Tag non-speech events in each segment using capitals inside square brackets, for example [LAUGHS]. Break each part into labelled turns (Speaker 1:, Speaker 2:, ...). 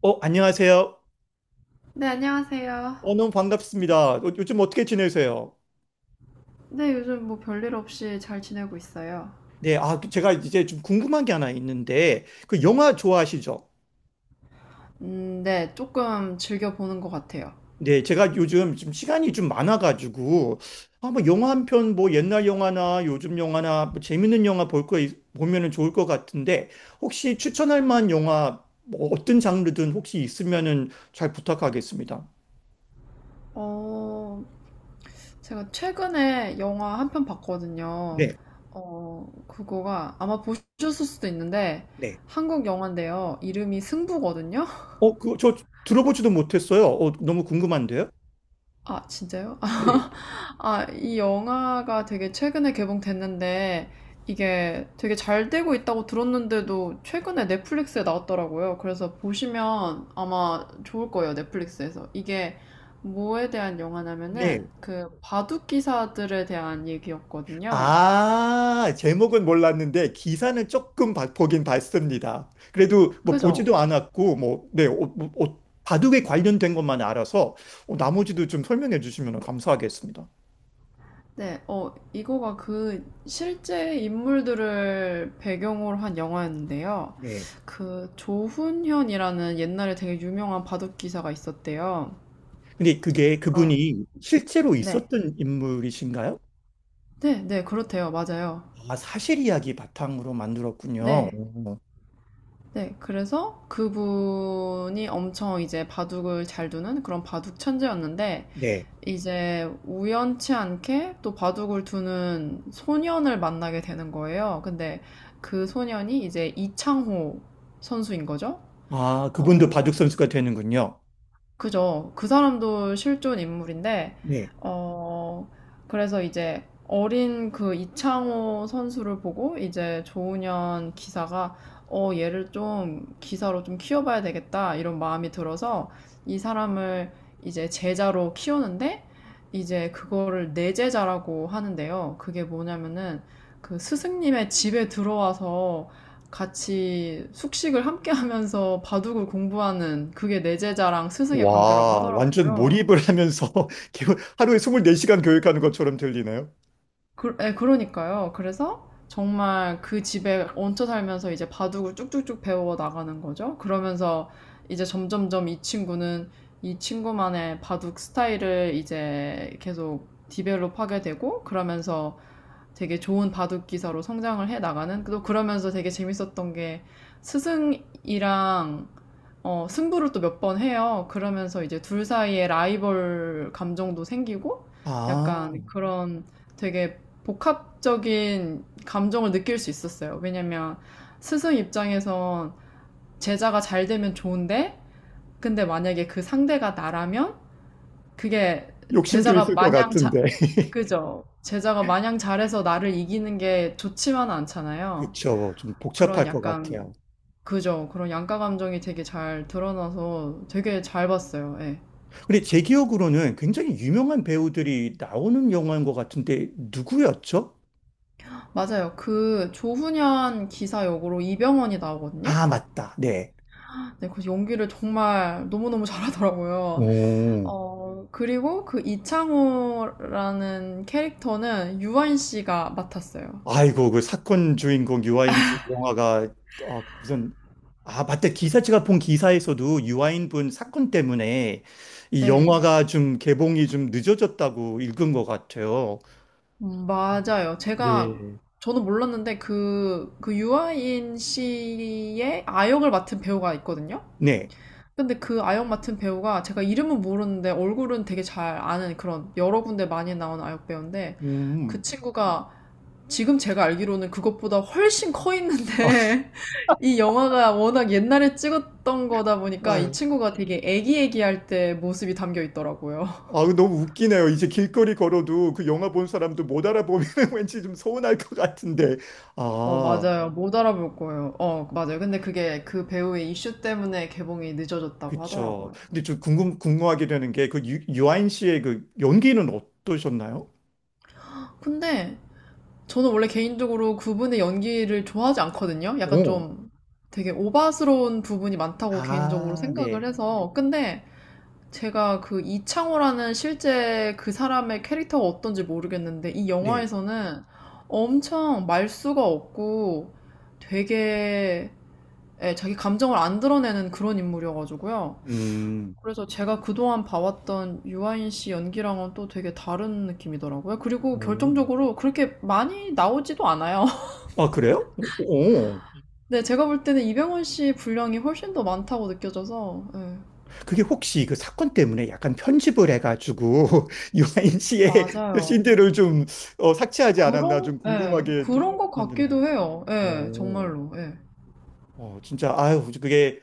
Speaker 1: 안녕하세요.
Speaker 2: 네, 안녕하세요.
Speaker 1: 너무 반갑습니다. 요즘 어떻게 지내세요?
Speaker 2: 네, 요즘 뭐 별일 없이 잘 지내고 있어요.
Speaker 1: 네, 아, 그 제가 이제 좀 궁금한 게 하나 있는데, 그 영화 좋아하시죠?
Speaker 2: 네, 조금 즐겨보는 것 같아요.
Speaker 1: 네, 제가 요즘 좀 시간이 좀 많아가지고, 아, 뭐 영화 한 편, 뭐 옛날 영화나 요즘 영화나 뭐 재밌는 영화 볼 거, 보면은 좋을 것 같은데, 혹시 추천할 만한 영화, 뭐 어떤 장르든 혹시 있으면은 잘 부탁하겠습니다.
Speaker 2: 어, 제가 최근에 영화 한 편 봤거든요.
Speaker 1: 네,
Speaker 2: 그거가 아마 보셨을 수도 있는데,
Speaker 1: 네.
Speaker 2: 한국 영화인데요. 이름이 승부거든요?
Speaker 1: 그, 저 들어보지도 못했어요. 너무 궁금한데요?
Speaker 2: 아 진짜요?
Speaker 1: 네.
Speaker 2: [LAUGHS] 아, 이 영화가 되게 최근에 개봉됐는데 이게 되게 잘 되고 있다고 들었는데도 최근에 넷플릭스에 나왔더라고요. 그래서 보시면 아마 좋을 거예요, 넷플릭스에서. 이게 뭐에 대한 영화냐면은
Speaker 1: 네.
Speaker 2: 그 바둑 기사들에 대한 얘기였거든요.
Speaker 1: 아, 제목은 몰랐는데 기사는 조금 보긴 봤습니다. 그래도 뭐
Speaker 2: 그죠?
Speaker 1: 보지도 않았고 뭐 네, 뭐, 바둑에 관련된 것만 알아서 나머지도 좀 설명해 주시면 감사하겠습니다.
Speaker 2: 네, 이거가 그 실제 인물들을 배경으로 한 영화였는데요.
Speaker 1: 네.
Speaker 2: 그 조훈현이라는 옛날에 되게 유명한 바둑 기사가 있었대요.
Speaker 1: 근데 그게
Speaker 2: 어,
Speaker 1: 그분이 실제로
Speaker 2: 네.
Speaker 1: 있었던 인물이신가요?
Speaker 2: 네, 네, 그렇대요. 맞아요.
Speaker 1: 아, 사실 이야기 바탕으로 만들었군요.
Speaker 2: 네.
Speaker 1: 오.
Speaker 2: 네, 그래서 그분이 엄청 이제 바둑을 잘 두는 그런 바둑 천재였는데
Speaker 1: 네.
Speaker 2: 이제 우연치 않게 또 바둑을 두는 소년을 만나게 되는 거예요. 근데 그 소년이 이제 이창호 선수인 거죠.
Speaker 1: 아, 그분도
Speaker 2: 어,
Speaker 1: 바둑 선수가 되는군요.
Speaker 2: 그죠. 그 사람도 실존 인물인데,
Speaker 1: 네.
Speaker 2: 어, 그래서 이제 어린 그 이창호 선수를 보고 이제 조훈현 기사가 얘를 좀 기사로 좀 키워봐야 되겠다 이런 마음이 들어서 이 사람을 이제 제자로 키우는데 이제 그거를 내 제자라고 하는데요. 그게 뭐냐면은 그 스승님의 집에 들어와서 같이 숙식을 함께 하면서 바둑을 공부하는 그게 내 제자랑 스승의 관계라고
Speaker 1: 와, 완전
Speaker 2: 하더라고요.
Speaker 1: 몰입을 하면서 [LAUGHS] 하루에 24시간 교육하는 것처럼 들리네요.
Speaker 2: 그, 예, 그러니까요. 그래서 정말 그 집에 얹혀 살면서 이제 바둑을 쭉쭉쭉 배워 나가는 거죠. 그러면서 이제 점점점 이 친구는 이 친구만의 바둑 스타일을 이제 계속 디벨롭 하게 되고 그러면서 되게 좋은 바둑 기사로 성장을 해 나가는 또 그러면서 되게 재밌었던 게 스승이랑 승부를 또 몇 번 해요. 그러면서 이제 둘 사이에 라이벌 감정도 생기고
Speaker 1: 아,
Speaker 2: 약간 그런 되게 복합적인 감정을 느낄 수 있었어요. 왜냐면 스승 입장에선 제자가 잘 되면 좋은데 근데 만약에 그 상대가 나라면 그게
Speaker 1: 욕심도
Speaker 2: 제자가
Speaker 1: 있을 것
Speaker 2: 마냥 자,
Speaker 1: 같은데. [LAUGHS]
Speaker 2: 그죠? 제자가 마냥 잘해서 나를 이기는 게 좋지만은 않잖아요.
Speaker 1: 그쵸. 좀
Speaker 2: 그런
Speaker 1: 복잡할 것
Speaker 2: 약간,
Speaker 1: 같아요.
Speaker 2: 그죠? 그런 양가 감정이 되게 잘 드러나서 되게 잘 봤어요. 예.
Speaker 1: 근데 제 기억으로는 굉장히 유명한 배우들이 나오는 영화인 것 같은데, 누구였죠?
Speaker 2: 맞아요. 그 조훈현 기사 역으로 이병헌이 나오거든요?
Speaker 1: 아, 맞다. 네.
Speaker 2: 네, 그 연기를 정말 너무너무 잘하더라고요.
Speaker 1: 오.
Speaker 2: 그리고 그 이창호라는 캐릭터는 유한 씨가 맡았어요.
Speaker 1: 아이고, 그 사건 주인공 유아인 씨 영화가, 아, 무슨, 아, 맞다. 기사, 제가 본 기사에서도 유아인 분 사건 때문에 이
Speaker 2: 네.
Speaker 1: 영화가 좀 개봉이 좀 늦어졌다고 읽은 것 같아요.
Speaker 2: 맞아요. 제가
Speaker 1: 네.
Speaker 2: 저는 몰랐는데 그, 그 유아인 씨의 아역을 맡은 배우가 있거든요.
Speaker 1: 네.
Speaker 2: 근데 그 아역 맡은 배우가 제가 이름은 모르는데 얼굴은 되게 잘 아는 그런 여러 군데 많이 나온 아역 배우인데 그
Speaker 1: 음.
Speaker 2: 친구가 지금 제가 알기로는 그것보다 훨씬 커 있는데
Speaker 1: [LAUGHS]
Speaker 2: [LAUGHS] 이 영화가 워낙 옛날에 찍었던 거다 보니까 이
Speaker 1: 아,
Speaker 2: 친구가 되게 애기애기할 때 모습이 담겨 있더라고요.
Speaker 1: 아, 너무 웃기네요. 이제 길거리 걸어도 그 영화 본 사람도 못 알아보면 [LAUGHS] 왠지 좀 서운할 것 같은데.
Speaker 2: 어,
Speaker 1: 아,
Speaker 2: 맞아요. 못 알아볼 거예요. 어, 맞아요. 근데 그게 그 배우의 이슈 때문에 개봉이 늦어졌다고
Speaker 1: 그쵸.
Speaker 2: 하더라고요.
Speaker 1: 근데 좀 궁금하게 되는 게 그 유아인 씨의 그 연기는 어떠셨나요?
Speaker 2: 근데 저는 원래 개인적으로 그분의 연기를 좋아하지 않거든요. 약간
Speaker 1: 오.
Speaker 2: 좀 되게 오바스러운 부분이 많다고 개인적으로
Speaker 1: 아,
Speaker 2: 생각을
Speaker 1: 네.
Speaker 2: 해서. 근데 제가 그 이창호라는 실제 그 사람의 캐릭터가 어떤지 모르겠는데 이
Speaker 1: 네.
Speaker 2: 영화에서는 엄청 말수가 없고 되게 예, 자기 감정을 안 드러내는 그런 인물이어가지고요.
Speaker 1: 음.
Speaker 2: 그래서 제가 그동안 봐왔던 유아인 씨 연기랑은 또 되게 다른 느낌이더라고요. 그리고
Speaker 1: 오.
Speaker 2: 결정적으로 그렇게 많이 나오지도 않아요. [LAUGHS]
Speaker 1: 아, 그래요? 오.
Speaker 2: 네, 제가 볼 때는 이병헌 씨 분량이 훨씬 더 많다고 느껴져서, 예,
Speaker 1: 그게 혹시 그 사건 때문에 약간 편집을 해가지고 [LAUGHS] 유아인 씨의
Speaker 2: 맞아요.
Speaker 1: 씬들을 좀 삭제하지 않았나
Speaker 2: 그런,
Speaker 1: 좀
Speaker 2: 예,
Speaker 1: 궁금하게
Speaker 2: 그런 것
Speaker 1: 만드네요.
Speaker 2: 같기도 해요. 예,
Speaker 1: 오.
Speaker 2: 정말로, 예.
Speaker 1: 진짜, 아유, 그게,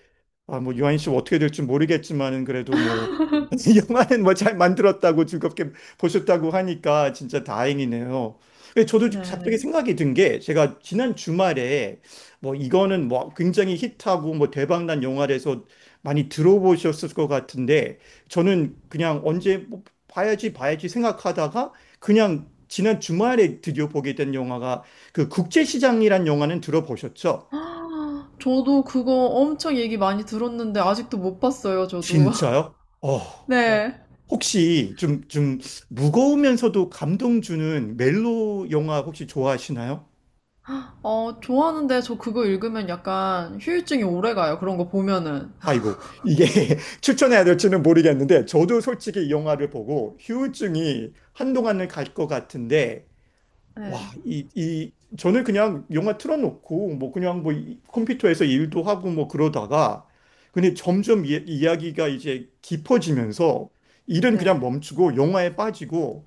Speaker 1: 아, 뭐, 유아인 씨 어떻게 될지 모르겠지만은, 그래도 뭐, [LAUGHS] 영화는 뭐 잘 만들었다고 즐겁게 보셨다고 하니까 진짜 다행이네요. 근데 저도 갑자기
Speaker 2: 네. [GASPS]
Speaker 1: 생각이 든 게, 제가 지난 주말에, 뭐, 이거는 뭐, 굉장히 히트하고, 뭐, 대박난 영화라서 많이 들어보셨을 것 같은데, 저는 그냥 언제, 뭐, 봐야지, 봐야지 생각하다가, 그냥 지난 주말에 드디어 보게 된 영화가, 그 국제시장이란 영화는 들어보셨죠?
Speaker 2: 아, 저도 그거 엄청 얘기 많이 들었는데 아직도 못 봤어요, 저도. [LAUGHS]
Speaker 1: 진짜요? 어,
Speaker 2: 네.
Speaker 1: 혹시 좀, 무거우면서도 감동 주는 멜로 영화 혹시 좋아하시나요?
Speaker 2: 어, 좋아하는데 저 그거 읽으면 약간 휴유증이 오래 가요. 그런 거 보면은.
Speaker 1: 아이고, 이게 [LAUGHS] 추천해야 될지는 모르겠는데, 저도 솔직히 이 영화를 보고 휴증이 한동안은 갈 것 같은데, 와,
Speaker 2: 네.
Speaker 1: 저는 그냥 영화 틀어놓고, 뭐 그냥 뭐 컴퓨터에서 일도 하고 뭐 그러다가, 근데 점점 이야기가 이제 깊어지면서, 일은
Speaker 2: 네.
Speaker 1: 그냥 멈추고 영화에 빠지고,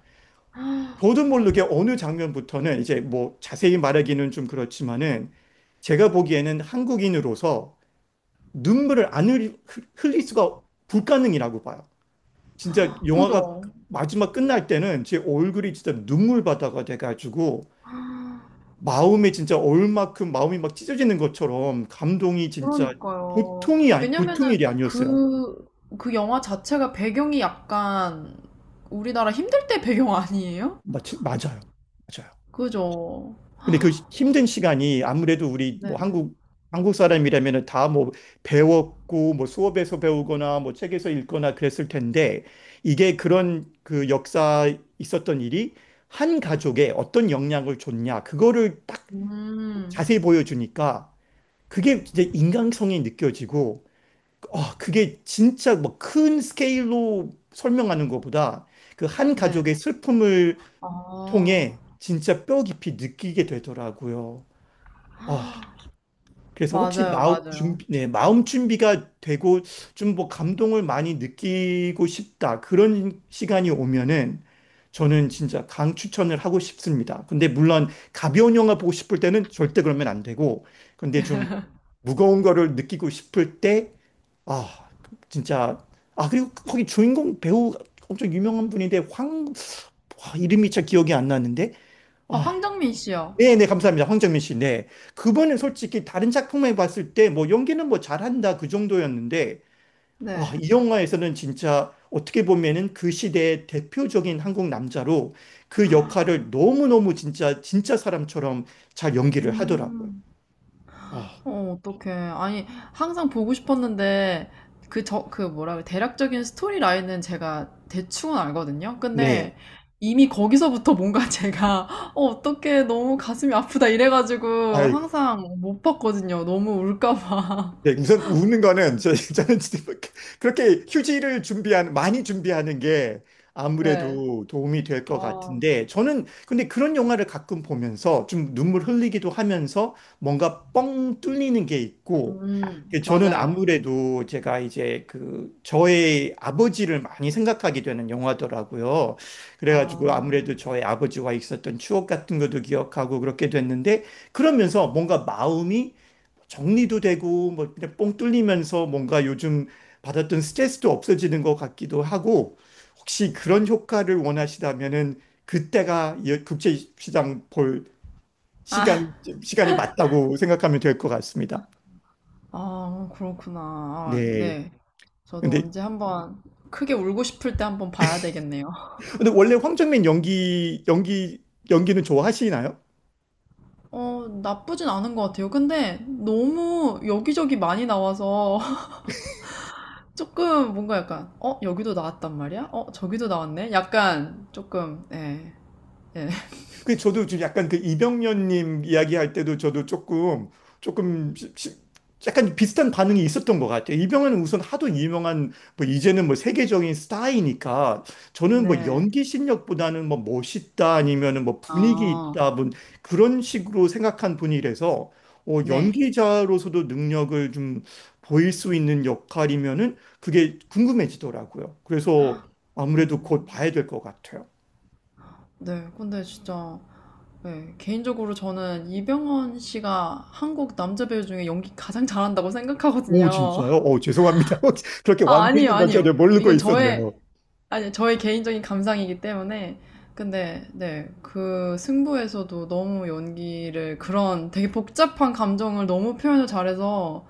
Speaker 1: 저도 모르게 어느 장면부터는 이제 뭐 자세히 말하기는 좀 그렇지만은 제가 보기에는 한국인으로서 눈물을 안 흘릴 수가 불가능이라고 봐요. 진짜 영화가
Speaker 2: 그죠?
Speaker 1: 마지막 끝날 때는 제 얼굴이 진짜 눈물바다가 돼가지고 마음이 진짜 얼만큼 마음이 막 찢어지는 것처럼 감동이 진짜
Speaker 2: 그러니까요.
Speaker 1: 보통이 아니,
Speaker 2: 왜냐면은
Speaker 1: 보통 일이 아니었어요.
Speaker 2: 그, 그 영화 자체가 배경이 약간 우리나라 힘들 때 배경 아니에요?
Speaker 1: 맞아요. 맞아요.
Speaker 2: 그죠?
Speaker 1: 근데 그 힘든 시간이 아무래도 우리 뭐
Speaker 2: 네.
Speaker 1: 한국 사람이라면 다 뭐 배웠고 뭐 수업에서 배우거나 뭐 책에서 읽거나 그랬을 텐데 이게 그런 그 역사 있었던 일이 한 가족에 어떤 영향을 줬냐 그거를 딱
Speaker 2: 음,
Speaker 1: 자세히 보여주니까 그게 이제 인간성이 느껴지고 아 그게 진짜 뭐 큰 스케일로 설명하는 것보다 그 한
Speaker 2: 네.
Speaker 1: 가족의 슬픔을
Speaker 2: 아,
Speaker 1: 통해 진짜 뼈 깊이 느끼게 되더라고요. 아, 그래서 혹시
Speaker 2: 맞아요,
Speaker 1: 마음
Speaker 2: 맞아요.
Speaker 1: 준비, 네, 마음 준비가 되고 좀 뭐 감동을 많이 느끼고 싶다. 그런 시간이 오면은 저는 진짜 강 추천을 하고 싶습니다. 근데 물론 가벼운 영화 보고 싶을 때는 절대 그러면 안 되고, 근데 좀 무거운 거를 느끼고 싶을 때, 아, 진짜, 아, 그리고 거기 주인공 배우 엄청 유명한 분인데, 와, 이름이 잘 기억이 안 나는데,
Speaker 2: 아,
Speaker 1: 아,
Speaker 2: 황정민 씨요.
Speaker 1: 네, 네, 감사합니다. 황정민 씨. 네. 그분은 솔직히 다른 작품에 봤을 때 뭐 연기는 뭐 잘한다 그 정도였는데 아,
Speaker 2: 네.
Speaker 1: 이 영화에서는 진짜 어떻게 보면은 그 시대의 대표적인 한국 남자로 그 역할을 너무너무 진짜 진짜 사람처럼 잘 연기를 하더라고요.
Speaker 2: 음.
Speaker 1: 아,
Speaker 2: 어, 어떡해. 아니, 항상 보고 싶었는데, 그, 저, 그 뭐라 그래, 대략적인 스토리 라인은 제가 대충은 알거든요.
Speaker 1: 네.
Speaker 2: 근데 이미 거기서부터 뭔가 [LAUGHS] 제가, 어, 어떡해, 너무 가슴이 아프다 이래가지고
Speaker 1: 아이
Speaker 2: 항상 못 봤거든요. 너무 울까봐.
Speaker 1: 네, 우선 우는 거는 [LAUGHS] 저는 진짜 뭐 그, 그렇게 휴지를 준비한 많이 준비하는 게
Speaker 2: [LAUGHS] 네.
Speaker 1: 아무래도 도움이 될 것
Speaker 2: 아,
Speaker 1: 같은데 저는 근데 그런 영화를 가끔 보면서 좀 눈물 흘리기도 하면서 뭔가 뻥 뚫리는 게 있고 근데 저는
Speaker 2: 맞아요.
Speaker 1: 아무래도 제가 이제 그 저의 아버지를 많이 생각하게 되는 영화더라고요. 그래가지고
Speaker 2: 아,
Speaker 1: 아무래도 저의 아버지와 있었던 추억 같은 것도 기억하고 그렇게 됐는데 그러면서 뭔가 마음이 정리도 되고 뭐 그냥 뽕 뚫리면서 뭔가 요즘 받았던 스트레스도 없어지는 것 같기도 하고 혹시 그런 효과를 원하시다면은 그때가 이 국제시장 볼
Speaker 2: 아,
Speaker 1: 시간 시간이 맞다고 생각하면 될 것 같습니다.
Speaker 2: 아, 그렇구나. 아,
Speaker 1: 네.
Speaker 2: 네. 저도
Speaker 1: 근데
Speaker 2: 언제 한번 크게 울고 싶을 때 한번 봐야 되겠네요.
Speaker 1: 근데 원래 황정민 연기는 좋아하시나요?
Speaker 2: 어, 나쁘진 않은 것 같아요. 근데 너무 여기저기 많이 나와서 [LAUGHS] 조금 뭔가 약간, 어, 여기도 나왔단 말이야? 어, 저기도 나왔네? 약간 조금, 예, 예. [LAUGHS]
Speaker 1: 그 저도 지금 약간 그 이병련님 이야기할 때도 저도 조금 약간 비슷한 반응이 있었던 것 같아요. 이병헌은 우선 하도 유명한 뭐 이제는 뭐 세계적인 스타이니까 저는 뭐
Speaker 2: 네.
Speaker 1: 연기 실력보다는 뭐 멋있다 아니면은 뭐 분위기
Speaker 2: 아,
Speaker 1: 있다 뭐 그런 식으로 생각한 분이라서
Speaker 2: 네.
Speaker 1: 연기자로서도 능력을 좀 보일 수 있는 역할이면은 그게 궁금해지더라고요. 그래서 아무래도 곧
Speaker 2: 음,
Speaker 1: 봐야 될 것 같아요.
Speaker 2: 네. 근데 진짜, 예, 개인적으로 저는 이병헌 씨가 한국 남자 배우 중에 연기 가장 잘한다고
Speaker 1: 오,
Speaker 2: 생각하거든요.
Speaker 1: 진짜요?
Speaker 2: [LAUGHS]
Speaker 1: 오, 죄송합니다. [LAUGHS] 그렇게
Speaker 2: 아, 아니에요,
Speaker 1: 완패인 건 전혀
Speaker 2: 아니에요.
Speaker 1: 모르고
Speaker 2: 이건 저의,
Speaker 1: 있었네요.
Speaker 2: 아니, 저의 개인적인 감상이기 때문에. 근데, 네, 그 승부에서도 너무 연기를, 그런 되게 복잡한 감정을 너무 표현을 잘해서,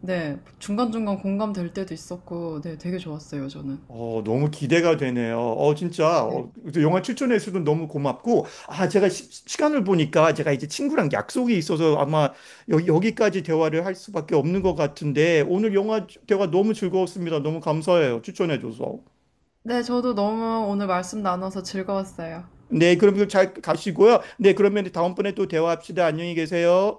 Speaker 2: 네, 중간중간 공감될 때도 있었고, 네, 되게 좋았어요, 저는.
Speaker 1: 너무 기대가 되네요. 진짜.
Speaker 2: 네.
Speaker 1: 영화 추천해 주셔서 너무 고맙고. 아, 제가 시, 간을 보니까 제가 이제 친구랑 약속이 있어서 아마 여, 기까지 대화를 할 수밖에 없는 것 같은데 오늘 영화 대화 너무 즐거웠습니다. 너무 감사해요. 추천해 줘서.
Speaker 2: 네, 저도 너무 오늘 말씀 나눠서 즐거웠어요.
Speaker 1: 네, 그럼 잘 가시고요. 네, 그러면 다음번에 또 대화합시다. 안녕히 계세요.